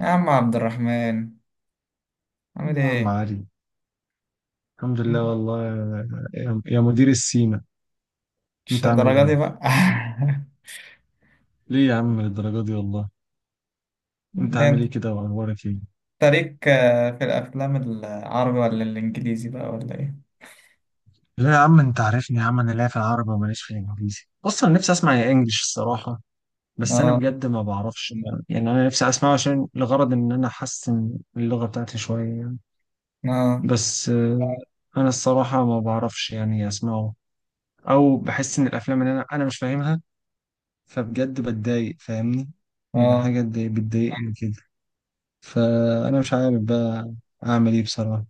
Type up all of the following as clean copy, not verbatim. يا عم عبد الرحمن، عامل يا عم ايه؟ علي، الحمد لله مم. والله. يا مدير السيما، مش انت عامل الدرجة دي ايه؟ بقى. ليه يا عم للدرجة دي والله؟ انت ده عامل انت ايه كده، واخبارك ايه؟ ليك، في الأفلام العربي ولا الإنجليزي بقى ولا ايه؟ لا يا عم، انت عارفني يا عم. انا لا في العربي وماليش في الانجليزي، اصلا نفسي اسمع يا انجلش الصراحة. بس انا اه، بجد ما بعرفش. يعني انا نفسي اسمعه عشان لغرض ان انا احسن اللغة بتاعتي شوية يعني. اه، بس انا الصراحة ما بعرفش يعني اسمعه، او بحس ان الافلام اللي انا مش فاهمها، فبجد بتضايق. فاهمني؟ يعني اه. حاجة بتضايقني كده. فانا مش عارف بقى اعمل ايه بصراحه.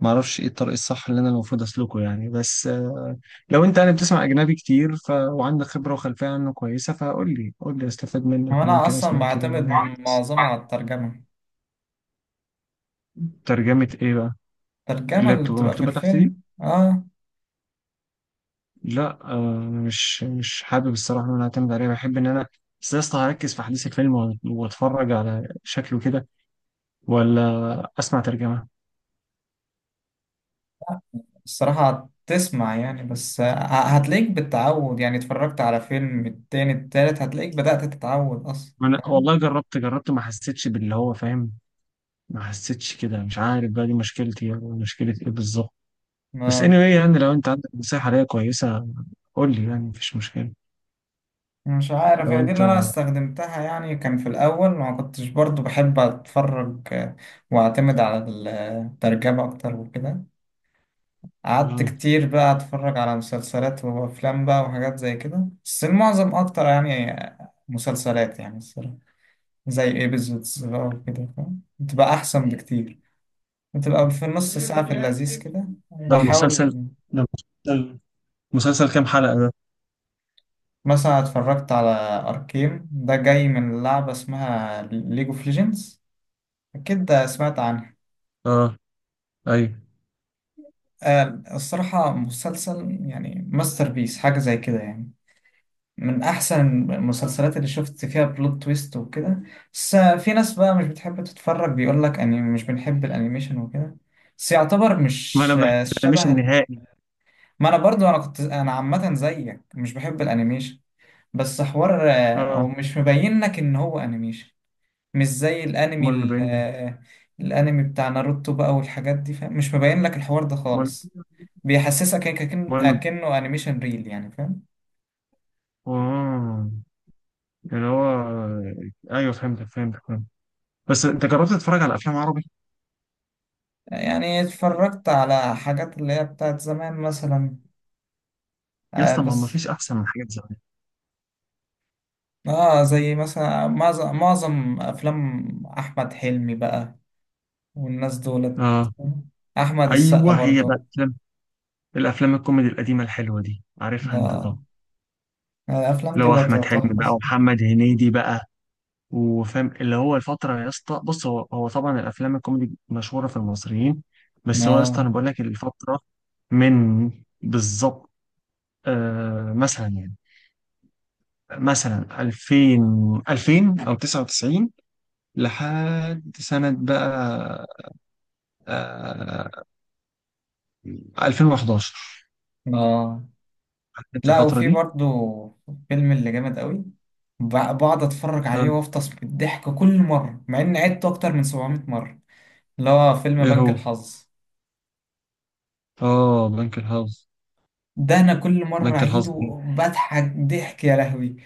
ما اعرفش ايه الطريق الصح اللي انا المفروض اسلكه يعني، بس لو انت يعني بتسمع اجنبي كتير وعندك خبره وخلفيه عنه كويسه، فقول لي قول لي استفاد هو منك أنا وممكن أصلا اسمع كده بعتمد يعني. معظمه على الترجمة ترجمه ايه بقى؟ الترجمة اللي هي اللي بتبقى بتبقى في مكتوبه تحت دي. الفيلم. اه. لا، مش حابب الصراحه ان انا اعتمد عليها، بحب ان انا بس يا اسطى هركز في احداث الفيلم واتفرج على شكله كده، ولا اسمع ترجمه. الصراحة تسمع يعني بس، هتلاقيك بالتعود، يعني اتفرجت على فيلم التاني التالت هتلاقيك بدأت تتعود أصلا، أنا فاهم؟ والله جربت، ما حسيتش باللي هو فاهم، ما حسيتش كده، مش عارف بقى دي مشكلتي أو مشكلة إيه بالظبط. بس anyway، آه. يعني لو أنت عندك نصيحة ليا كويسة قول لي، يعني مفيش مشكلة. مش عارف، لو هي دي اللي انا أنت. استخدمتها يعني. كان في الاول ما كنتش برضو بحب اتفرج واعتمد على الترجمة اكتر وكده. قعدت كتير بقى اتفرج على مسلسلات وافلام بقى وحاجات زي كده، بس المعظم اكتر يعني مسلسلات يعني الصراحة. زي ايبيزودز بقى وكده، فاهم؟ بتبقى احسن بكتير، بتبقى في نص ساعة في اللذيذ كده ده مسلسل بحاول. ده مسلسل. مسلسل كام حلقة ده؟ مثلا اتفرجت على اركين، ده جاي من لعبة اسمها ليج اوف ليجندز، أكيد سمعت عنها. اه ايوه. الصراحة مسلسل يعني ماستر بيس، حاجة زي كده يعني، من أحسن المسلسلات اللي شفت فيها بلوت تويست وكده. بس في ناس بقى مش بتحب تتفرج، بيقول لك أني مش بنحب الأنيميشن وكده. بس يعتبر ما انا مش بحس مش شبه النهائي. ما أنا برضو أنا عامة زيك مش بحب الأنيميشن. بس حوار، أو اه. مش مبين لك إن هو أنيميشن. مش زي الأنمي امال ما بين. الأنمي بتاع ناروتو بقى والحاجات دي، فاهم؟ مش مبين لك الحوار ده امال خالص. بيحسسك هيك كأن- امال. كأنه أنيميشن ريل يعني، فاهم. اه اللي هو. ايوه، فهمتك فهمت. بس انت جربت تتفرج على افلام عربي؟ يعني اتفرجت على حاجات اللي هي بتاعت زمان مثلا. يا آه. اسطى، ما هو ما بس فيش احسن من حاجات زمان. اه، زي مثلا معظم أفلام أحمد حلمي بقى والناس دولت. اه أحمد السقا ايوه، هي بقى برضه. الافلام، الكوميدي القديمه الحلوه دي، عارفها انت لا. طبعا. الأفلام دي لو بقت احمد حلمي تحفة. بقى ومحمد هنيدي بقى، وفاهم اللي هو الفتره. يا اسطى بص، هو طبعا الافلام الكوميدي مشهوره في المصريين. بس هو يا اسطى لا، انا بقول لك الفتره من بالظبط، مثلا يعني، مثلا 2000 او 99، لحد سنه بقى آه 2011. لا، عارف انت لا. الفتره وفي دي؟ برضه فيلم اللي جامد قوي. ب- بقعد أتفرج آه عليه وأفطس بالضحك كل مرة مع إني عدته أكتر من 700 مرة. اللي هو فيلم ايه بنك هو؟ الحظ. اه، بنك الحظ. ده انا كل مره بنك الحظ. اعيده بضحك ضحك يا لهوي،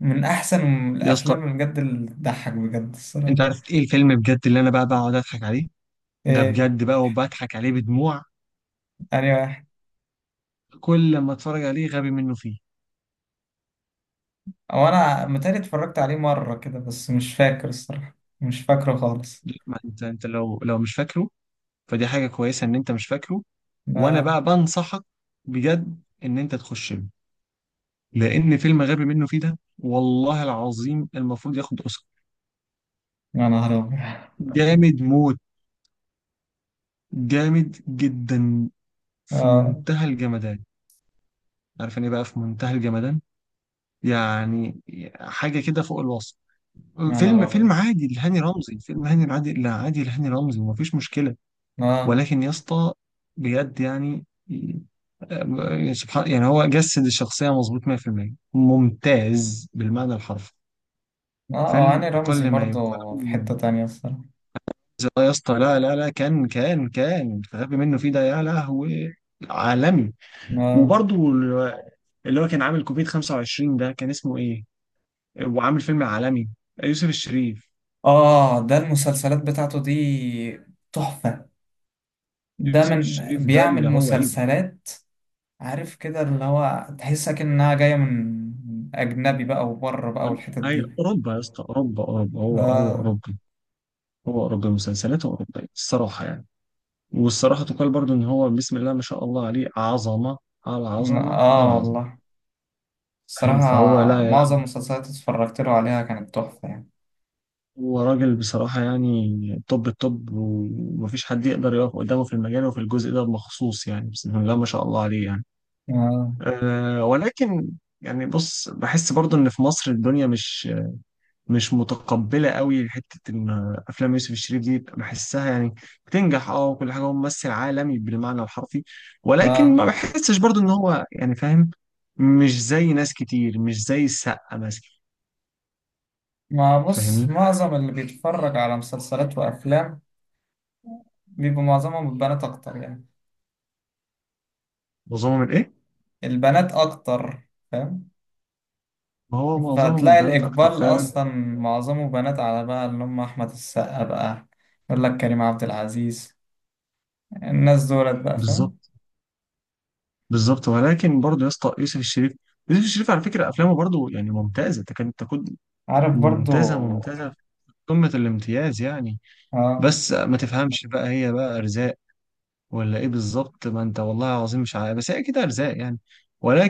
من احسن يا اسطى، الافلام اللي بجد اللي بتضحك بجد الصراحه. انت عارف ايه الفيلم بجد اللي انا بقى بقعد اضحك عليه؟ ده ايه. بجد بقى وبضحك عليه بدموع انا واحد. كل ما اتفرج عليه، غبي منه فيه. او انا متهيألي اتفرجت عليه مره كده بس مش فاكر الصراحه، مش فاكره خالص. ما انت لو مش فاكره، فدي حاجه كويسه ان انت مش فاكره. وانا لا. بقى بنصحك بجد ان انت تخش له، لان فيلم غبي منه فيه ده، والله العظيم المفروض ياخد اوسكار. يا نهار ابيض. جامد موت، جامد جدا، في اه. منتهى الجمدان. عارف يعني ايه بقى في منتهى الجمدان؟ يعني حاجه كده فوق الوصف. يا نهار فيلم ابيض. عادي لهاني رمزي، فيلم هاني العادي، لا عادي لهاني رمزي، مفيش مشكلة. اه، ولكن يا اسطى بجد يعني، سبحان. يعني هو جسد الشخصية مظبوط 100% ممتاز بالمعنى الحرفي. اه. هاني فيلم رمزي أقل ما يقال برضه في إنه، حته تانية الصراحه. يا اسطى لا لا لا، كان الغبي منه فيه ده يا لهوي، عالمي. اه، وبرضه اللي هو كان عامل كوفيد 25. ده كان اسمه إيه؟ وعامل فيلم عالمي. يوسف الشريف. اه. ده المسلسلات بتاعته دي تحفه، ده يوسف من الشريف ده بيعمل اللي هو ايه؟ مسلسلات. عارف كده اللي هو تحسها كأنها جاية من أجنبي بقى وبره بقى من- والحتت أي دي. أوروبا يا اسطى، أوروبا، أوروبا، هو آه. أوروبي، هو أوروبي، مسلسلاته أوروبية الصراحة يعني. والصراحة تقال برضو إن هو بسم الله ما شاء الله عليه، عظمة على عظمة على عظمة. والله فاهم؟ فهو الصراحة، لا معظم لا، المسلسلات اللي اتفرجت له عليها كانت تحفة يعني. هو راجل بصراحة يعني توب التوب، ومفيش حد يقدر يقف قدامه في المجال وفي الجزء ده بمخصوص يعني، بسم الله ما شاء الله عليه يعني. آه، أه ولكن، يعني بص بحس برضو إن في مصر الدنيا مش متقبله قوي، حته ان افلام يوسف الشريف دي بحسها يعني بتنجح، اه وكل حاجه، هو ممثل عالمي بالمعنى الحرفي. ولكن ما آه. بحسش برضو ان هو يعني، فاهم؟ مش زي ناس كتير، مش زي السقا مثلا، ما بص، فاهمني؟ معظم اللي بيتفرج على مسلسلات وأفلام بيبقى معظمهم البنات أكتر يعني. معظمهم الايه؟ البنات أكتر، فاهم. ما هو معظمهم فتلاقي البنات اكتر الإقبال فعلا. أصلا معظمه بنات على بقى اللي هم أحمد السقا بقى، يقول لك كريم عبد العزيز، الناس دولت بقى، بالظبط، فاهم. بالظبط، ولكن برضو يا اسطى يوسف الشريف، على فكره افلامه برضو يعني ممتازه، تكاد تكون عارف ممتازه، برضو. ممتازه في قمه الامتياز يعني. اه، بس ما تفهمش بقى، هي بقى ارزاق ولا ايه بالظبط، ما انت والله العظيم مش عارف، بس هي كده ارزاق يعني.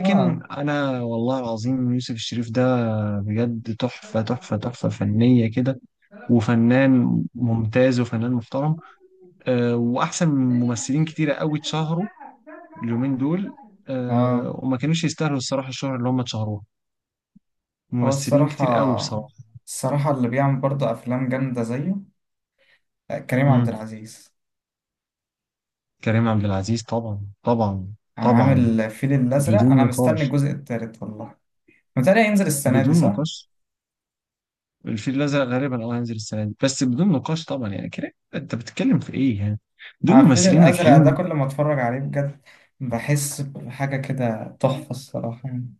اه، انا والله العظيم، يوسف الشريف ده بجد تحفه، تحفه، تحفه فنيه كده، وفنان ممتاز وفنان محترم. أه، واحسن من ممثلين كتيره قوي اتشهروا اليومين دول، أه اه. وما كانوش يستاهلوا الصراحه الشهره اللي هم اتشهروها، هو ممثلين كتير قوي الصراحة بصراحه. الصراحة اللي بيعمل برضو أفلام جامدة زيه كريم عبد مم. العزيز. كريم عبد العزيز طبعا، طبعا، طبعا، عامل الفيل الأزرق، بدون أنا مستني نقاش، الجزء التالت والله. متهيألي هينزل السنة دي بدون صح؟ نقاش. الفيل الأزرق غالبا اه هينزل السنة دي، بس بدون نقاش طبعا. يعني كده انت بتتكلم في ايه يعني؟ دول الفيل ممثلين الأزرق ده ناجحين، كل ما أتفرج عليه بجد، بحس بحاجة كده تحفة الصراحة يعني.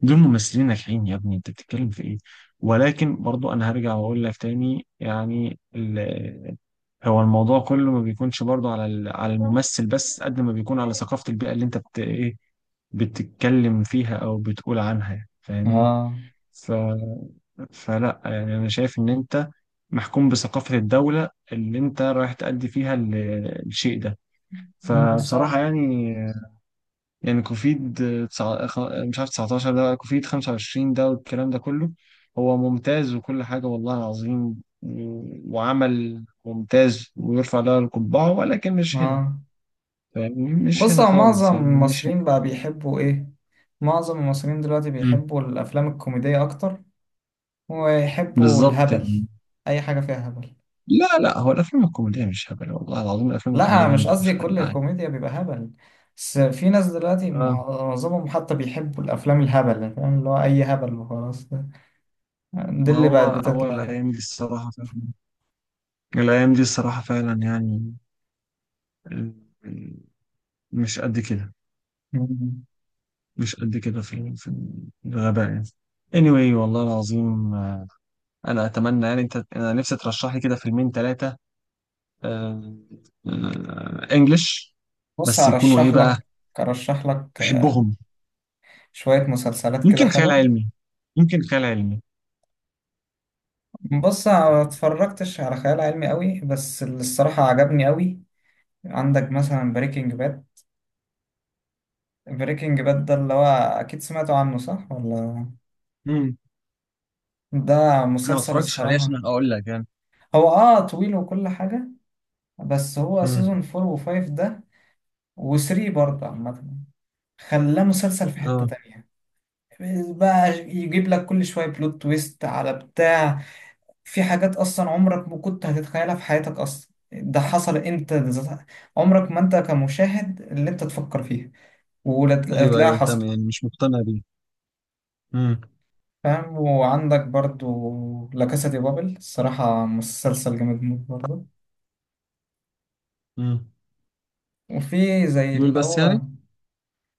دول ممثلين ناجحين يا ابني، انت بتتكلم في ايه؟ ولكن برضو انا هرجع واقول لك تاني يعني، هو الموضوع كله ما بيكونش برضو على على الممثل، بس قد ما بيكون على ثقافة البيئة اللي انت بت ايه بتتكلم فيها او بتقول عنها يعني، فاهمني؟ اه. ف... فلا يعني، انا شايف ان انت محكوم بثقافة الدولة اللي انت رايح تأدي فيها الشيء ده، فبصراحة بالظبط. يعني. يعني كوفيد مش عارف، 19 ده، كوفيد 25 ده والكلام ده كله، هو ممتاز وكل حاجة والله العظيم، وعمل ممتاز ويرفع له القبعة، ولكن مش هنا. اه. فاهمني؟ مش بص، هنا هو خالص معظم يعني، مش هنا. المصريين بقى بيحبوا إيه؟ معظم المصريين دلوقتي مم. بيحبوا الأفلام الكوميدية أكتر، ويحبوا بالظبط الهبل، يعني. أي حاجة فيها هبل. لا لا، هو الأفلام الكوميدية مش هبل والله العظيم، الأفلام لا، الكوميدية أنا مش جامدة قصدي فشخ يا كل جدعان. الكوميديا بيبقى هبل. بس في ناس دلوقتي اه، معظمهم حتى بيحبوا الأفلام الهبل، فاهم، اللي هو أي هبل وخلاص، ده دي ما اللي بقت هو بتطلع، الأيام فاهم؟ دي الصراحة فعلا، الأيام دي الصراحة فعلا يعني، ال- ال- مش قد كده، مم. مش قد كده في الغباء يعني. anyway والله العظيم، انا اتمنى يعني انت، انا نفسي ترشح لي كده فيلمين ثلاثه انجلش، بص، بس يكونوا ايه أرشح بقى لك، أرشح لك بحبهم، شوية مسلسلات كده يمكن خيال حلوة. علمي، يمكن خيال علمي. بص، أنا ما اتفرجتش على خيال علمي قوي، بس اللي الصراحة عجبني قوي، عندك مثلا بريكنج باد. بريكنج باد ده اللي هو أكيد سمعتوا عنه، صح ولا؟ امم ده انا ما مسلسل اتفرجتش عليه الصراحة. عشان اقول لك يعني. هو اه طويل وكل حاجة، بس هو سيزون امم 4 و5 ده و3 برضه عامة، خلاه مسلسل في حتة اه تانية. بقى يجيب لك كل شوية بلوت تويست على بتاع، في حاجات أصلا عمرك ما كنت هتتخيلها في حياتك أصلا ده حصل أنت عمرك ما أنت كمشاهد اللي أنت تفكر فيها، ايوه وتلاقيها ايوه، انت حصل. يعني مش مقتنع بيه. امم فاهم، وعندك برضو لا كاسا دي بابل، الصراحة مسلسل جامد موت برضو. امم وفي زي دول اللي بس هو يعني.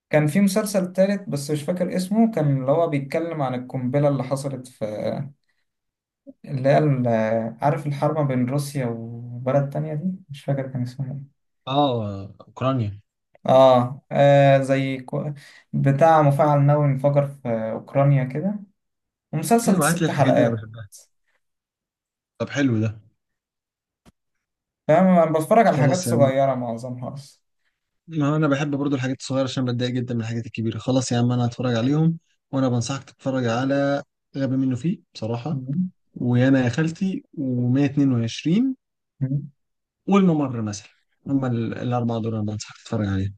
كان في مسلسل تالت بس مش فاكر اسمه، كان اللي هو بيتكلم عن القنبلة اللي حصلت في اللي هي ال- عارف الحرب بين روسيا وبلد تانية دي، مش فاكر كان اسمه ايه. اه اوكرانيا. اه، بتاع مفاعل نووي انفجر في أوكرانيا كده، ومسلسل ايوه هات لي ست الحاجات دي، انا حلقات بحبها. طب حلو ده. فاهم، انا بتفرج على حاجات خلاص يا عم، صغيرة معظمها اصلا. ما انا بحب برضو الحاجات الصغيره عشان بتضايق جدا من الحاجات الكبيره، خلاص يا عم انا هتفرج عليهم. وانا بنصحك تتفرج على غبي منه فيه بصراحه، مم. ويانا يا خالتي و122 مم. والممر مثلا، هم الاربعه دول انا بنصحك تتفرج عليهم.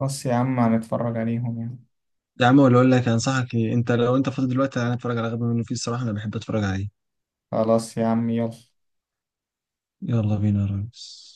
خلاص يا عم هنتفرج عليهم يعني. يا عم، ولا اقول لك انصحك إيه؟ انت لو انت فاضي دلوقتي، انا اتفرج على غبي منه فيه الصراحه، انا بحب اتفرج عليه. خلاص يا عم، يلا. يلا بينا يا ريس.